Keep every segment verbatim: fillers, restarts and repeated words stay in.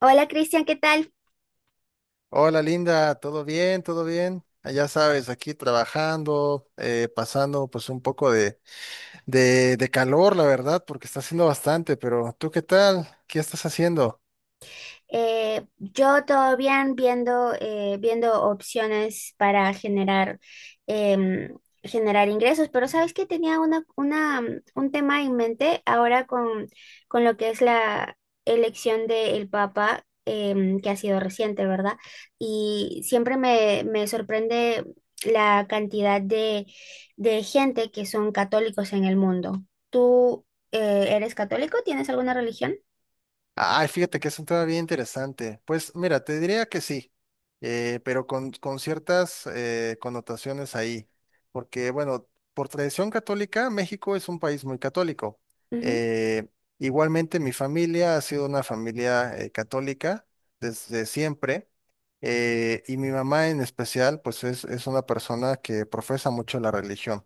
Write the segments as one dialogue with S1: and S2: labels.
S1: Hola Cristian, ¿qué tal?
S2: Hola Linda, ¿todo bien? ¿Todo bien? Ah, ya sabes, aquí trabajando, eh, pasando pues un poco de, de, de calor, la verdad, porque está haciendo bastante, pero ¿tú qué tal? ¿Qué estás haciendo?
S1: Eh, yo todo bien viendo, eh, viendo opciones para generar, em, generar ingresos, pero sabes que tenía una, una, mm, un tema en mente ahora con, con lo que es la elección del Papa, em, que ha sido reciente, ¿verdad? Y siempre me, me sorprende la cantidad de, de gente que son católicos en el mundo. ¿Tú, eh, eres católico? ¿Tienes alguna religión?
S2: Ay, fíjate que es un tema bien interesante. Pues mira, te diría que sí, eh, pero con, con ciertas eh, connotaciones ahí, porque bueno, por tradición católica, México es un país muy católico.
S1: Ujú.
S2: Eh, Igualmente, mi familia ha sido una familia eh, católica desde siempre, eh, y mi mamá en especial, pues es, es una persona que profesa mucho la religión.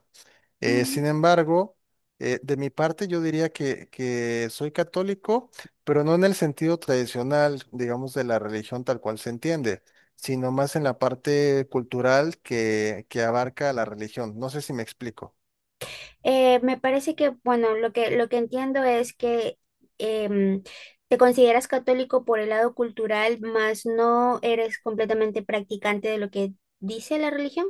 S2: Eh,
S1: Mm.
S2: sin embargo, eh, de mi parte yo diría que, que soy católico, pero no en el sentido tradicional, digamos, de la religión tal cual se entiende, sino más en la parte cultural que, que abarca la religión. No sé si me explico.
S1: Eh, me parece que, bueno, lo que, lo que entiendo es que em, te consideras católico por el lado cultural, mas no eres completamente practicante de lo que dice la religión.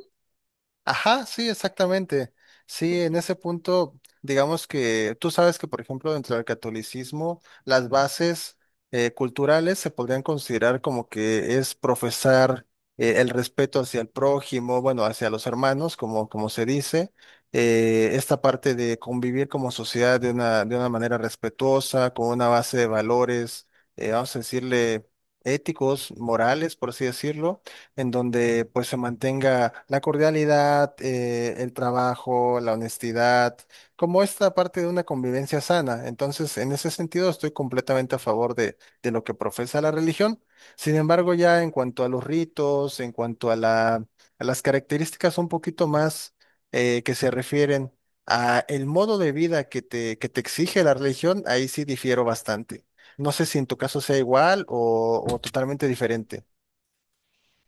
S2: Ajá, sí, exactamente. Sí, en ese punto, digamos que tú sabes que, por ejemplo, dentro del catolicismo, las bases eh, culturales se podrían considerar como que es profesar eh, el respeto hacia el prójimo, bueno, hacia los hermanos, como, como se dice, eh, esta parte de convivir como sociedad de una, de una manera respetuosa, con una base de valores, eh, vamos a decirle, éticos, morales, por así decirlo, en donde pues se mantenga la cordialidad, eh, el trabajo, la honestidad, como esta parte de una convivencia sana. Entonces, en ese sentido, estoy completamente a favor de, de lo que profesa la religión. Sin embargo, ya en cuanto a los ritos, en cuanto a la, a las características un poquito más eh, que se refieren a el modo de vida que te, que te exige la religión, ahí sí difiero bastante. No sé si en tu caso sea igual o, o totalmente diferente.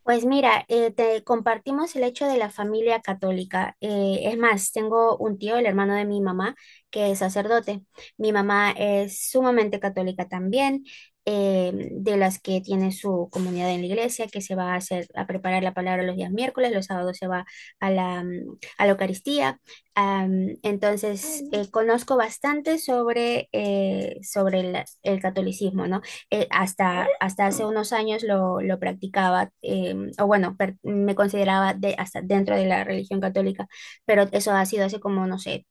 S1: Pues mira, eh, te compartimos el hecho de la familia católica. Eh, es más, tengo un tío, el hermano de mi mamá, que es sacerdote. Mi mamá es sumamente católica también, eh, de las que tiene su comunidad en la iglesia, que se va a hacer a preparar la palabra los días miércoles, los sábados se va a la, mm, a la Eucaristía. Am, entonces, eh, conozco bastante sobre, eh, sobre el, el catolicismo, ¿no? eh, hasta, hasta hace unos años lo, lo practicaba, eh, o bueno, per- me consideraba de, hasta dentro de la religión católica, pero eso ha sido hace como, no sé,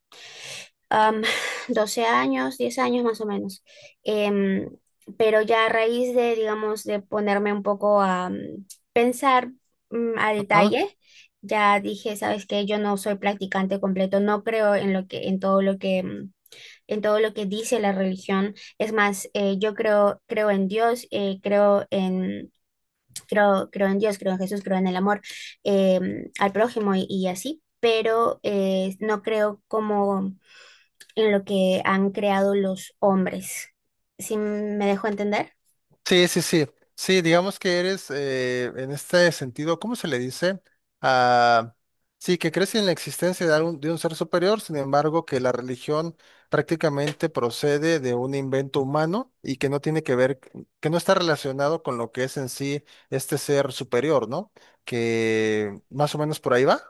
S1: am, doce años, diez años más o menos. Em, pero ya a raíz de, digamos, de ponerme un poco a mm, pensar mm, a detalle, ya dije, sabes que yo no soy practicante completo, no creo en lo que, en todo lo que... mm, en todo lo que dice la religión. Es más, eh, yo creo, creo en Dios, eh, creo en, creo, creo en Dios, creo en Jesús, creo en el amor eh, al prójimo y, y así, pero eh, no creo como en lo que han creado los hombres. ¿Sí me dejo entender?
S2: Sí, sí, sí. Sí, digamos que eres eh, en este sentido, ¿cómo se le dice? Ah, sí, que crees en la existencia de algún- de un ser superior, sin embargo, que la religión prácticamente procede de un invento humano y que no tiene que ver, que no está relacionado con lo que es en sí este ser superior, ¿no? Que más o menos por ahí va.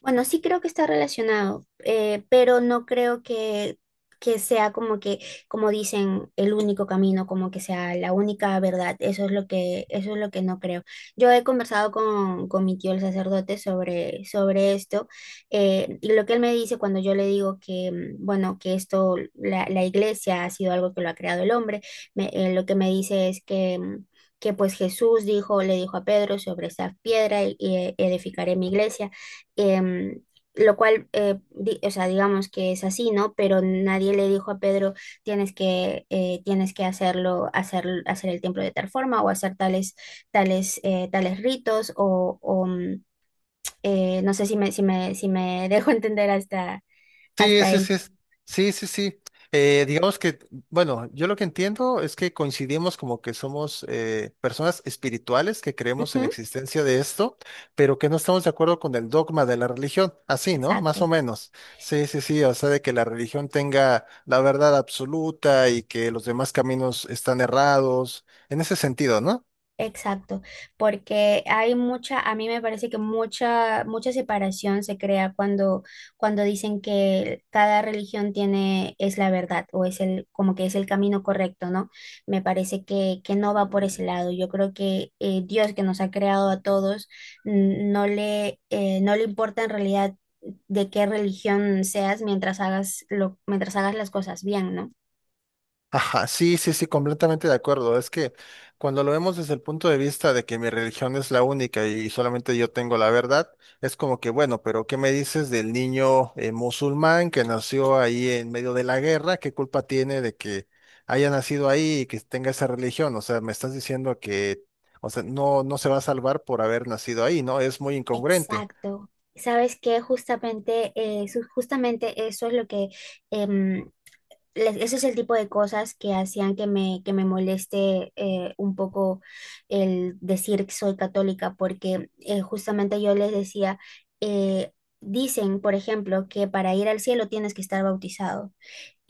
S1: Bueno, sí creo que está relacionado, eh, pero no creo que, que sea como que, como dicen, el único camino, como que sea la única verdad. Eso es lo que, eso es lo que no creo. Yo he conversado con, con mi tío el sacerdote sobre, sobre esto, eh, y lo que él me dice cuando yo le digo que, mm, bueno, que esto, la, la iglesia ha sido algo que lo ha creado el hombre, me- eh, lo que me dice es que... mm, que pues Jesús dijo, le dijo a Pedro sobre esa piedra y y eh, edificaré mi iglesia, em, lo cual, eh, di- o sea, digamos que es así, ¿no? Pero nadie le dijo a Pedro, tienes que, eh, tienes que hacerlo, hacer, hacer el templo de tal forma o hacer tales, tales, eh, tales ritos o, o, mm, eh, no sé si me, si me, si me dejo entender hasta,
S2: Sí,
S1: hasta
S2: sí,
S1: ahí.
S2: sí, es- sí, sí, sí. Eh, digamos que, bueno, yo lo que entiendo es que coincidimos como que somos eh, personas espirituales que creemos en la
S1: Ujú,
S2: existencia de esto, pero que no estamos de acuerdo con el dogma de la religión, así, ¿no? Más o
S1: exacto.
S2: menos. Sí, sí, sí, o sea, de que la religión tenga la verdad absoluta y que los demás caminos están errados, en ese sentido, ¿no?
S1: Exacto, porque hay mucha, a mí me parece que mucha, mucha separación se crea cuando, cuando dicen que cada religión tiene, es la verdad o es el, como que es el camino correcto, ¿no? Me parece que, que no va por ese lado. Yo creo que eh, Dios que nos ha creado a todos n- no le, eh, no le importa en realidad de qué religión seas mientras hagas lo, mientras hagas las cosas bien, ¿no?
S2: Ajá, sí, sí, sí, completamente de acuerdo. Es que cuando lo vemos desde el punto de vista de que mi religión es la única y solamente yo tengo la verdad, es como que, bueno, pero ¿qué me dices del niño eh, musulmán que nació ahí en medio de la guerra? ¿Qué culpa tiene de que haya nacido ahí y que tenga esa religión? O sea, me estás diciendo que, o sea, no, no se va a salvar por haber nacido ahí, ¿no? Es muy incongruente.
S1: Exacto. Sabes que justamente, eh, su- justamente eso es lo que, em, le- eso es el tipo de cosas que hacían que me, que me moleste eh, un poco el decir que soy católica, porque eh, justamente yo les decía, eh, dicen, por ejemplo, que para ir al cielo tienes que estar bautizado.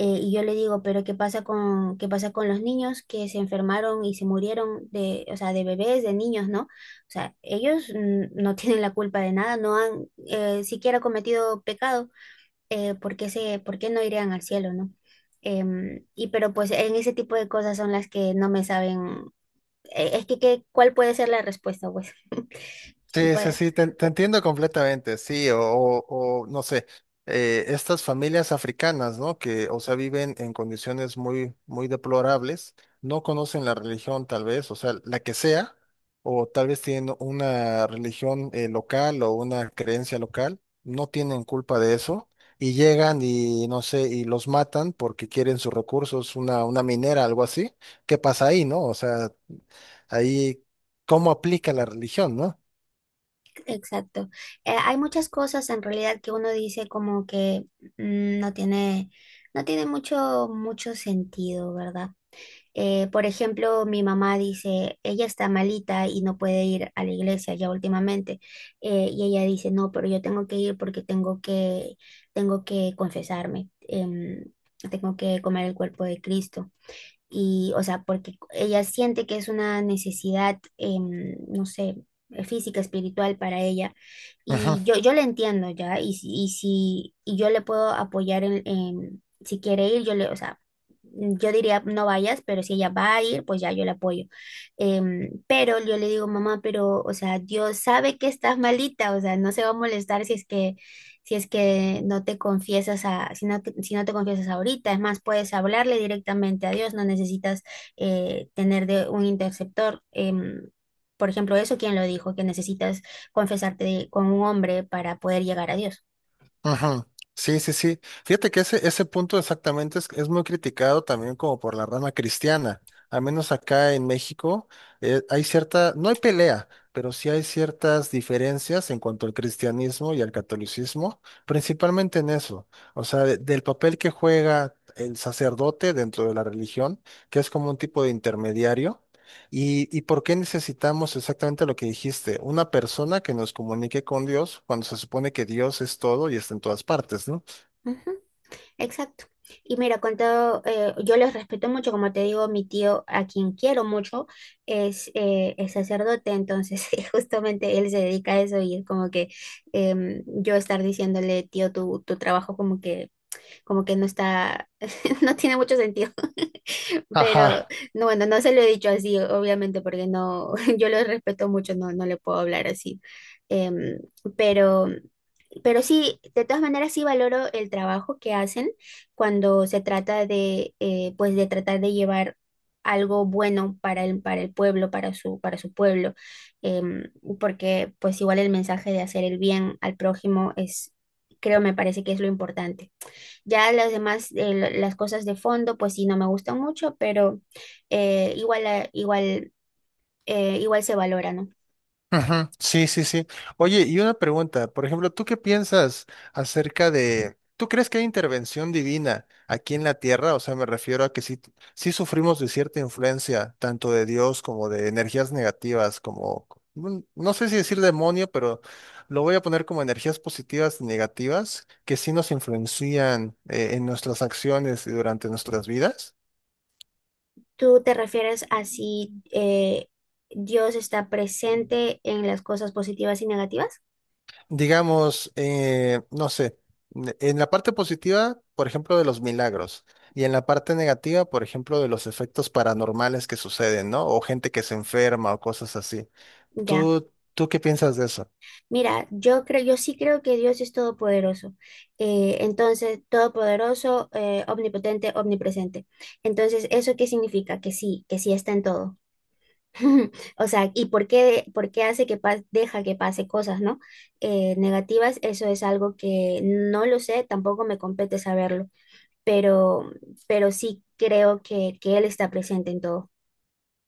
S1: Eh, y yo le digo, pero ¿qué pasa con, qué pasa con los niños que se enfermaron y se murieron de, o sea, de bebés, de niños, ¿no? O sea, ellos mm, no tienen la culpa de nada, no han eh, siquiera cometido pecado, eh, ¿por qué se, por qué no irían al cielo, ¿no? Em, y pero pues en ese tipo de cosas son las que no me saben, eh, es que, que- ¿cuál puede ser la respuesta, pues?
S2: Sí, sí,
S1: ¿Cuál-?
S2: sí, te, te entiendo completamente, sí, o, o- o, no sé, eh, estas familias africanas, ¿no? Que, o sea, viven en condiciones muy, muy deplorables, no conocen la religión tal vez, o sea, la que sea, o tal vez tienen una religión eh, local o una creencia local, no tienen culpa de eso, y llegan y, no sé, y los matan porque quieren sus recursos, una, una minera, algo así, ¿qué pasa ahí, no? O sea, ahí, ¿cómo aplica la religión, no?
S1: Exacto. Eh, hay muchas cosas en realidad que uno dice como que mm, no tiene, no tiene mucho, mucho sentido, ¿verdad? Eh, por ejemplo, mi mamá dice, ella está malita y no puede ir a la iglesia ya últimamente. Eh, y ella dice, no, pero yo tengo que ir porque tengo que, tengo que confesarme, em, tengo que comer el cuerpo de Cristo y, o sea, porque ella siente que es una necesidad, em, no sé, eh, física, espiritual para ella.
S2: Ujú.
S1: Y yo, yo la entiendo ya, y, si- y si y yo le puedo apoyar en, en- si quiere ir, yo le, o sea, yo diría no vayas, pero si ella va a ir, pues ya yo la apoyo. Em, pero yo le digo, mamá, pero, o sea, Dios sabe que estás malita, o sea, no se va a molestar si es que si es que no te confiesas a, si no, te- si no te confiesas ahorita. Es más, puedes hablarle directamente a Dios, no necesitas eh, tener de un interceptor. Em, por ejemplo, eso, ¿quién lo dijo? Que necesitas confesarte con un hombre para poder llegar a Dios.
S2: Ujú. Sí, sí, sí. Fíjate que ese, ese punto exactamente es, es muy criticado también como por la rama cristiana. Al menos acá en México eh, hay cierta, no hay pelea, pero sí hay ciertas diferencias en cuanto al cristianismo y al catolicismo, principalmente en eso. O sea, de- del papel que juega el sacerdote dentro de la religión, que es como un tipo de intermediario. ¿Y, y por qué necesitamos exactamente lo que dijiste? Una persona que nos comunique con Dios cuando se supone que Dios es todo y está en todas partes, ¿no?
S1: Ujú, exacto. Y mira, con todo, eh, yo les respeto mucho, como te digo, mi tío, a quien quiero mucho, es, eh, es sacerdote, entonces justamente él se dedica a eso y es como que em, yo estar diciéndole, tío, tu, tu trabajo como que como que no está, no tiene mucho sentido, pero
S2: Ajá.
S1: no, bueno, no se lo he dicho así, obviamente, porque no, yo lo respeto mucho, no, no le puedo hablar así. Em, pero, pero sí, de todas maneras sí valoro el trabajo que hacen cuando se trata de, eh, pues de tratar de llevar algo bueno para el, para el pueblo, para su, para su pueblo. Em, Porque pues igual el mensaje de hacer el bien al prójimo es, creo, me parece que es lo importante. Ya las demás, eh, lo- las cosas de fondo, pues sí, no me gustan mucho, pero eh, igual, eh, igual, eh, igual se valora, ¿no?
S2: Ujú, sí, sí, sí. Oye, y una pregunta, por ejemplo, ¿tú qué piensas acerca de, ¿tú crees que hay intervención divina aquí en la tierra? O sea, me refiero a que sí, sí sufrimos de cierta influencia, tanto de Dios como de energías negativas, como, mm, no sé si decir demonio, pero lo voy a poner como energías positivas y negativas, que sí nos influencian eh, en nuestras acciones y durante nuestras vidas.
S1: ¿Tú te refieres a si eh, Dios está presente en las cosas positivas y negativas?
S2: Digamos, eh, no sé, n- en la parte positiva, por ejemplo, de los milagros, y en la parte negativa, por ejemplo, de los efectos paranormales que suceden, ¿no? O gente que se enferma o cosas así.
S1: Ya.
S2: ¿Tú, tú qué piensas de eso?
S1: Mira, yo creo, yo sí creo que Dios es todopoderoso. Eh, entonces, todopoderoso, eh, omnipotente, omnipresente. Entonces, ¿eso qué significa? Que sí, que sí está en todo. O sea, ¿y por qué, por qué hace que pas- deja que pase cosas, ¿no? Eh, negativas, eso es algo que no lo sé, tampoco me compete saberlo, pero, pero sí creo que, que él está presente en todo.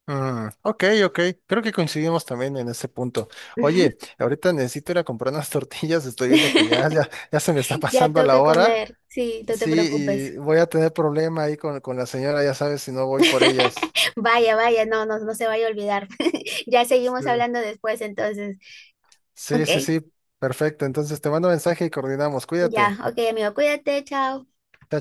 S2: Mm, ok, ok, creo que coincidimos también en ese punto. Oye, ahorita necesito ir a comprar unas tortillas, estoy viendo que ya, ya, ya se me está
S1: Ya
S2: pasando la
S1: toca
S2: hora.
S1: comer, sí, no te
S2: Sí,
S1: preocupes.
S2: y voy a tener problema ahí con, con la señora, ya sabes, si no voy por ellas.
S1: Vaya, vaya, no, no, no se vaya a olvidar. Ya seguimos
S2: Sí.
S1: hablando después, entonces.
S2: Sí,
S1: Ok,
S2: sí, sí, perfecto. Entonces te mando mensaje y coordinamos.
S1: ya,
S2: Cuídate.
S1: ok, amigo, cuídate, chao.
S2: Chao,